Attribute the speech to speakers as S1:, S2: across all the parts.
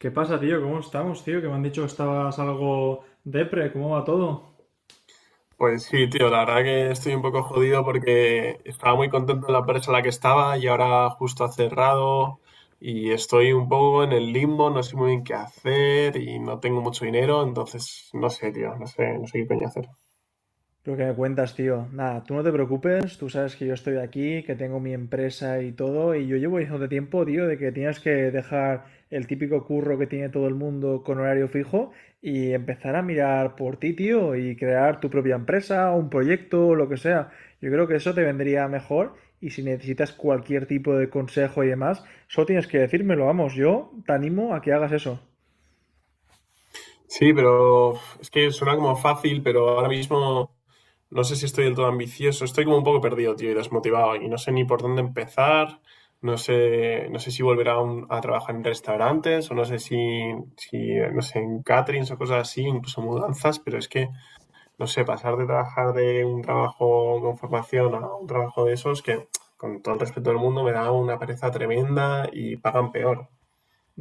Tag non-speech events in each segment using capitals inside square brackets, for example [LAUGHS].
S1: ¿Qué pasa, tío? ¿Cómo estamos, tío? Que me han dicho que estabas algo depre. ¿Cómo va todo?
S2: Pues sí, tío, la verdad que estoy un poco jodido porque estaba muy contento en la empresa en la que estaba y ahora justo ha cerrado y estoy un poco en el limbo, no sé muy bien qué hacer y no tengo mucho dinero, entonces no sé, tío, no sé qué coño hacer.
S1: Lo que me cuentas, tío. Nada, tú no te preocupes, tú sabes que yo estoy aquí, que tengo mi empresa y todo, y yo llevo diciéndote tiempo, tío, de que tienes que dejar el típico curro que tiene todo el mundo con horario fijo y empezar a mirar por ti, tío, y crear tu propia empresa, un proyecto, lo que sea. Yo creo que eso te vendría mejor y si necesitas cualquier tipo de consejo y demás, solo tienes que decírmelo, vamos, yo te animo a que hagas eso.
S2: Sí, pero uf, es que suena como fácil, pero ahora mismo no sé si estoy del todo ambicioso. Estoy como un poco perdido, tío, y desmotivado. Y no sé ni por dónde empezar. No sé si volver a, a trabajar en restaurantes o no sé si, no sé, en caterings o cosas así, incluso mudanzas, pero es que, no sé, pasar de trabajar de un trabajo con formación a un trabajo de esos que, con todo el respeto del mundo, me da una pereza tremenda y pagan peor.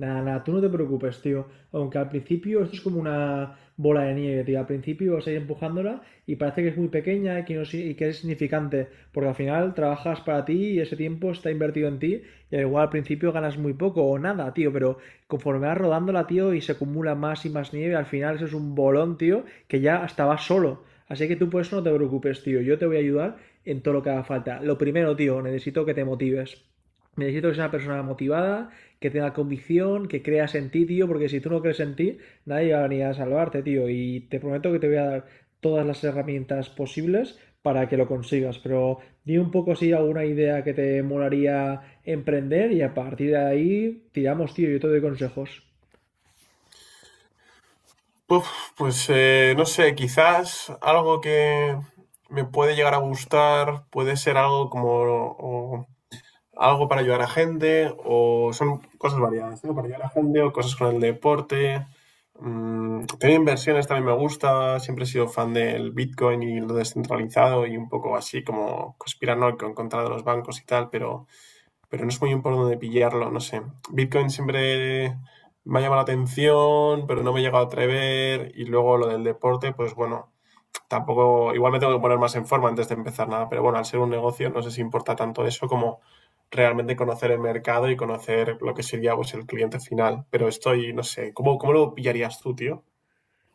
S1: Nada, nada, tú no te preocupes, tío. Aunque al principio esto es como una bola de nieve, tío. Al principio vas a ir empujándola y parece que es muy pequeña y que, no, si- y que es insignificante, porque al final trabajas para ti y ese tiempo está invertido en ti y al igual al principio ganas muy poco o nada, tío, pero conforme vas rodándola, tío, y se acumula más y más nieve, al final eso es un bolón, tío, que ya hasta vas solo. Así que tú por eso no te preocupes, tío. Yo te voy a ayudar en todo lo que haga falta. Lo primero, tío, necesito que te motives. Necesito que seas una persona motivada, que tenga convicción, que creas en ti, tío, porque si tú no crees en ti, nadie va a venir a salvarte, tío. Y te prometo que te voy a dar todas las herramientas posibles para que lo consigas. Pero di un poco si alguna idea que te molaría emprender y a partir de ahí tiramos, tío, yo te doy consejos.
S2: Uf, pues no sé, quizás algo que me puede llegar a gustar puede ser algo como o algo para ayudar a gente, o son cosas variadas, ¿no? Para ayudar a gente, o cosas con el deporte. Mm, tener inversiones también me gusta, siempre he sido fan del Bitcoin y lo descentralizado y un poco así como conspiranoico en contra de los bancos y tal, pero no es muy importante pillarlo, no sé. Bitcoin siempre me ha llamado la atención, pero no me he llegado a atrever. Y luego lo del deporte, pues bueno, tampoco, igual me tengo que poner más en forma antes de empezar nada, pero bueno, al ser un negocio no sé si importa tanto eso como realmente conocer el mercado y conocer lo que sería pues el cliente final. Pero estoy, no sé, ¿cómo, cómo lo pillarías tú, tío?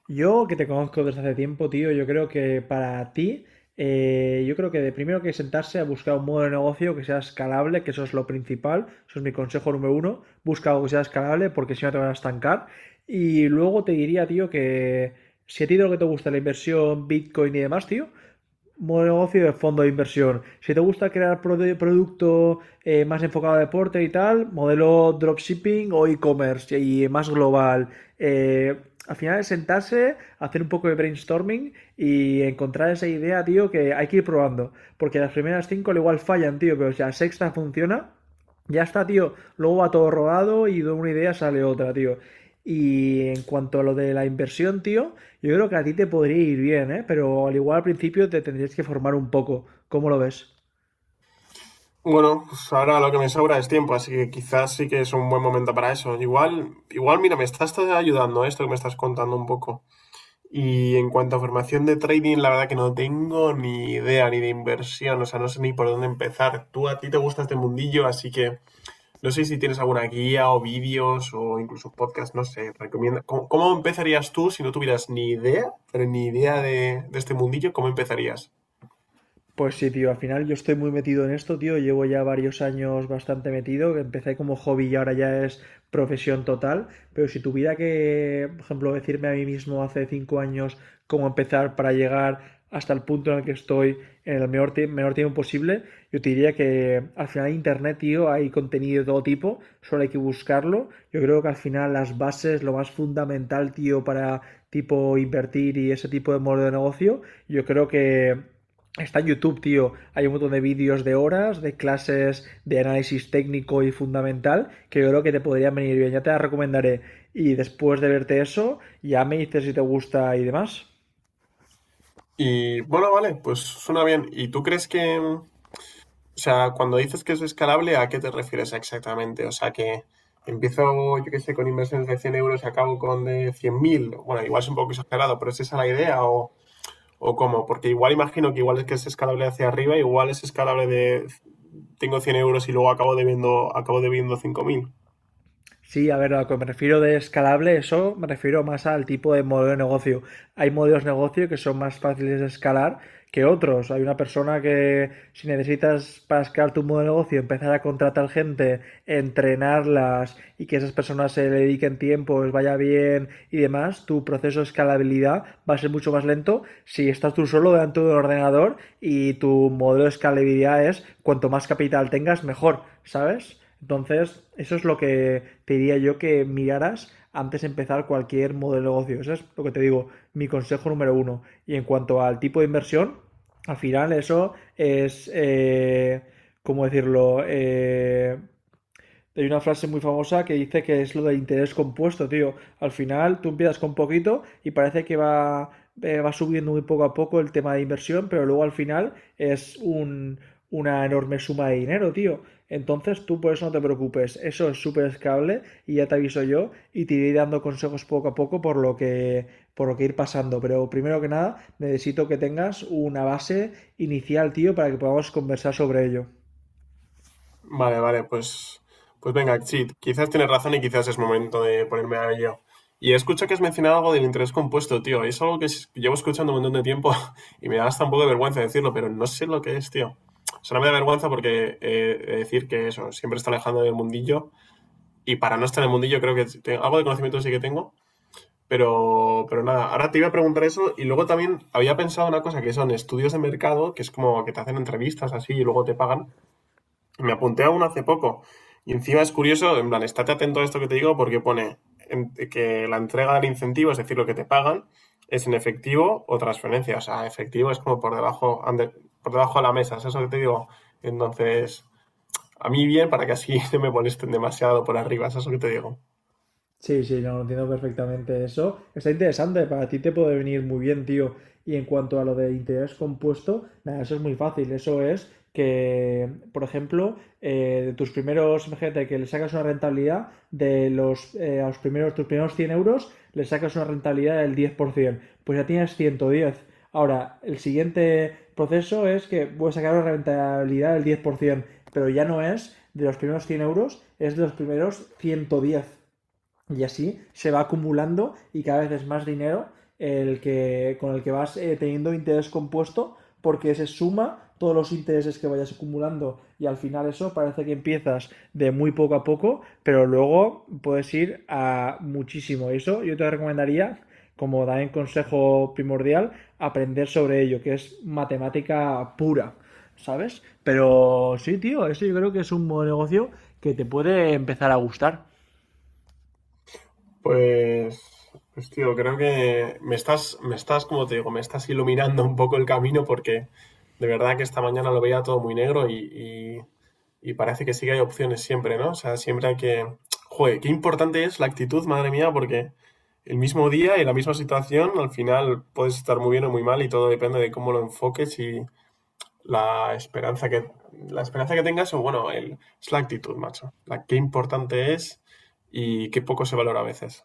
S1: Yo, que te conozco desde hace tiempo, tío, yo creo que para ti, yo creo que de primero que sentarse a buscar un modelo de negocio que sea escalable, que eso es lo principal, eso es mi consejo número uno, busca algo que sea escalable porque si no te van a estancar. Y luego te diría, tío, que si a ti de lo que te gusta la inversión, Bitcoin y demás, tío, modelo de negocio de fondo de inversión. Si te gusta crear producto más enfocado a deporte y tal, modelo dropshipping o e-commerce y más global. Eh, Al final es sentarse, hacer un poco de brainstorming y encontrar esa idea, tío, que hay que ir probando. Porque las primeras cinco al igual fallan, tío, pero si la sexta funciona, ya está, tío. Luego va todo rodado y de una idea sale otra, tío. Y en cuanto a lo de la inversión, tío, yo creo que a ti te podría ir bien, ¿eh? Pero al igual al principio te tendrías que formar un poco. ¿Cómo lo ves?
S2: Bueno, pues ahora lo que me sobra es tiempo, así que quizás sí que es un buen momento para eso. Igual, igual, mira, me estás ayudando esto que me estás contando un poco. Y en cuanto a formación de trading, la verdad que no tengo ni idea ni de inversión, o sea, no sé ni por dónde empezar. Tú a ti te gusta este mundillo, así que no sé si tienes alguna guía o vídeos o incluso podcast, no sé, recomienda. ¿Cómo, cómo empezarías tú si no tuvieras ni idea, pero ni idea de este mundillo? ¿Cómo empezarías?
S1: Pues sí, tío, al final yo estoy muy metido en esto, tío. Llevo ya varios años bastante metido. Empecé como hobby y ahora ya es profesión total. Pero si tuviera que, por ejemplo, decirme a mí mismo hace 5 años cómo empezar para llegar hasta el punto en el que estoy en el menor tiempo posible, yo te diría que al final en Internet, tío, hay contenido de todo tipo, solo hay que buscarlo. Yo creo que al final las bases, lo más fundamental, tío, para tipo invertir y ese tipo de modelo de negocio, yo creo que está en YouTube, tío. Hay un montón de vídeos de horas, de clases de análisis técnico y fundamental, que yo creo que te podrían venir bien. Ya te las recomendaré. Y después de verte eso, ya me dices si te gusta y demás.
S2: Y bueno, vale, pues suena bien. ¿Y tú crees que, o sea, cuando dices que es escalable, ¿a qué te refieres exactamente? O sea, que empiezo, yo qué sé, con inversiones de 100 € y acabo con de 100.000. Bueno, igual es un poco exagerado, pero ¿es esa la idea o cómo? Porque igual imagino que igual es que es escalable hacia arriba, igual es escalable de tengo 100 € y luego acabo debiendo 5.000.
S1: Sí, a ver, a lo que me refiero de escalable, eso me refiero más al tipo de modelo de negocio. Hay modelos de negocio que son más fáciles de escalar que otros. Hay una persona que si necesitas para escalar tu modelo de negocio empezar a contratar gente, entrenarlas y que esas personas se le dediquen tiempo, les vaya bien y demás, tu proceso de escalabilidad va a ser mucho más lento si estás tú solo delante de un ordenador y tu modelo de escalabilidad es cuanto más capital tengas, mejor, ¿sabes? Entonces, eso es lo que te diría yo que miraras antes de empezar cualquier modelo de negocio. Eso es lo que te digo, mi consejo número uno. Y en cuanto al tipo de inversión, al final eso es, ¿cómo decirlo? Hay una frase muy famosa que dice que es lo de interés compuesto, tío. Al final tú empiezas con poquito y parece que va subiendo muy poco a poco el tema de inversión, pero luego al final una enorme suma de dinero, tío. Entonces tú por eso no te preocupes, eso es súper escalable y ya te aviso yo y te iré dando consejos poco a poco por lo que ir pasando. Pero primero que nada necesito que tengas una base inicial, tío, para que podamos conversar sobre ello.
S2: Vale, vale, pues, pues venga, sí, quizás tienes razón y quizás es momento de ponerme a ello. Y escucho que has mencionado algo del interés compuesto, tío. Es algo que llevo escuchando un montón de tiempo [LAUGHS] y me da hasta un poco de vergüenza decirlo, pero no sé lo que es, tío. O sea, no me da vergüenza porque decir que eso, siempre está alejando del mundillo y para no estar en el mundillo creo que algo de conocimiento sí que tengo, pero nada, ahora te iba a preguntar eso y luego también había pensado una cosa que son estudios de mercado, que es como que te hacen entrevistas así y luego te pagan. Me apunté a uno hace poco. Y encima es curioso, en plan, estate atento a esto que te digo porque pone que la entrega del incentivo, es decir, lo que te pagan, es en efectivo o transferencia. O sea, efectivo es como por debajo de la mesa, ¿es eso que te digo? Entonces, a mí bien para que así [LAUGHS] no me molesten demasiado por arriba, ¿es eso que te digo?
S1: Sí, sí, no, entiendo perfectamente eso. Está interesante, para ti te puede venir muy bien, tío. Y en cuanto a lo de interés compuesto, nada, eso es muy fácil. Eso es que, por ejemplo, de tus primeros, imagínate que le sacas una rentabilidad de a los primeros, tus primeros 100 euros, le sacas una rentabilidad del 10%. Pues ya tienes 110. Ahora, el siguiente proceso es que voy a sacar una rentabilidad del 10%, pero ya no es de los primeros 100 euros, es de los primeros 110. Y así se va acumulando y cada vez es más dinero con el que vas teniendo interés compuesto porque se suma todos los intereses que vayas acumulando y al final eso parece que empiezas de muy poco a poco, pero luego puedes ir a muchísimo. Eso yo te recomendaría, como también consejo primordial, aprender sobre ello, que es matemática pura, ¿sabes? Pero sí, tío, eso yo creo que es un buen negocio que te puede empezar a gustar.
S2: Pues, pues tío, creo que como te digo, me estás iluminando un poco el camino porque de verdad que esta mañana lo veía todo muy negro y parece que sí que hay opciones siempre, ¿no? O sea, siempre hay que... Joder, qué importante es la actitud, madre mía, porque el mismo día y la misma situación, al final puedes estar muy bien o muy mal y todo depende de cómo lo enfoques y la esperanza que, la esperanza que tengas o, bueno, es la actitud, macho. La, qué importante es y qué poco se valora a veces.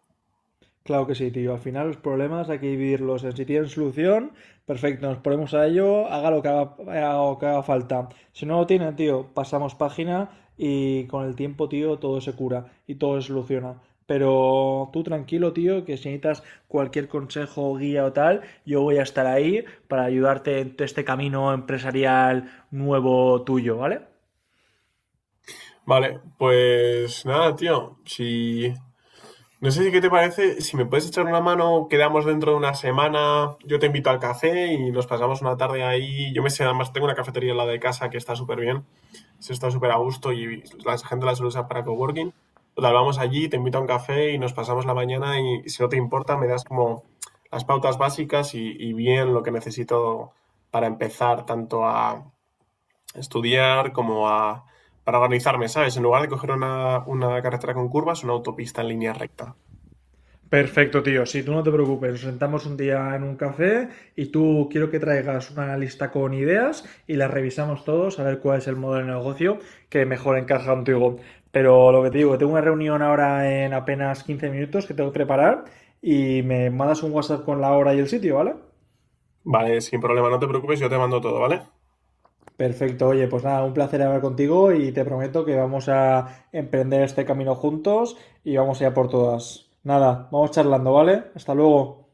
S1: Claro que sí, tío. Al final los problemas hay que vivirlos. Si tienen solución, perfecto, nos ponemos a ello, haga lo que haga falta. Si no lo tienen, tío, pasamos página y con el tiempo, tío, todo se cura y todo se soluciona. Pero tú tranquilo, tío, que si necesitas cualquier consejo, guía o tal, yo voy a estar ahí para ayudarte en este camino empresarial nuevo tuyo, ¿vale?
S2: Vale, pues nada, tío. Si No sé si qué te parece, si me puedes echar una mano, quedamos dentro de una semana, yo te invito al café y nos pasamos una tarde ahí. Yo me sé, además tengo una cafetería al lado de casa que está súper bien, se está súper a gusto y la gente la suele usar para coworking. Total, vamos allí, te invito a un café y nos pasamos la mañana y si no te importa me das como las pautas básicas y bien lo que necesito para empezar tanto a estudiar como a para organizarme, ¿sabes? En lugar de coger una carretera con curvas, una autopista en línea recta.
S1: Perfecto, tío. Si tú no te preocupes. Nos sentamos un día en un café y tú quiero que traigas una lista con ideas y las revisamos todos a ver cuál es el modelo de negocio que mejor encaja contigo. Pero lo que te digo, que tengo una reunión ahora en apenas 15 minutos que tengo que preparar y me mandas un WhatsApp con la hora y el sitio, ¿vale?
S2: Vale, sin problema, no te preocupes, yo te mando todo, ¿vale?
S1: Perfecto, oye, pues nada, un placer hablar contigo y te prometo que vamos a emprender este camino juntos y vamos a ir a por todas. Nada, vamos charlando, ¿vale? Hasta luego.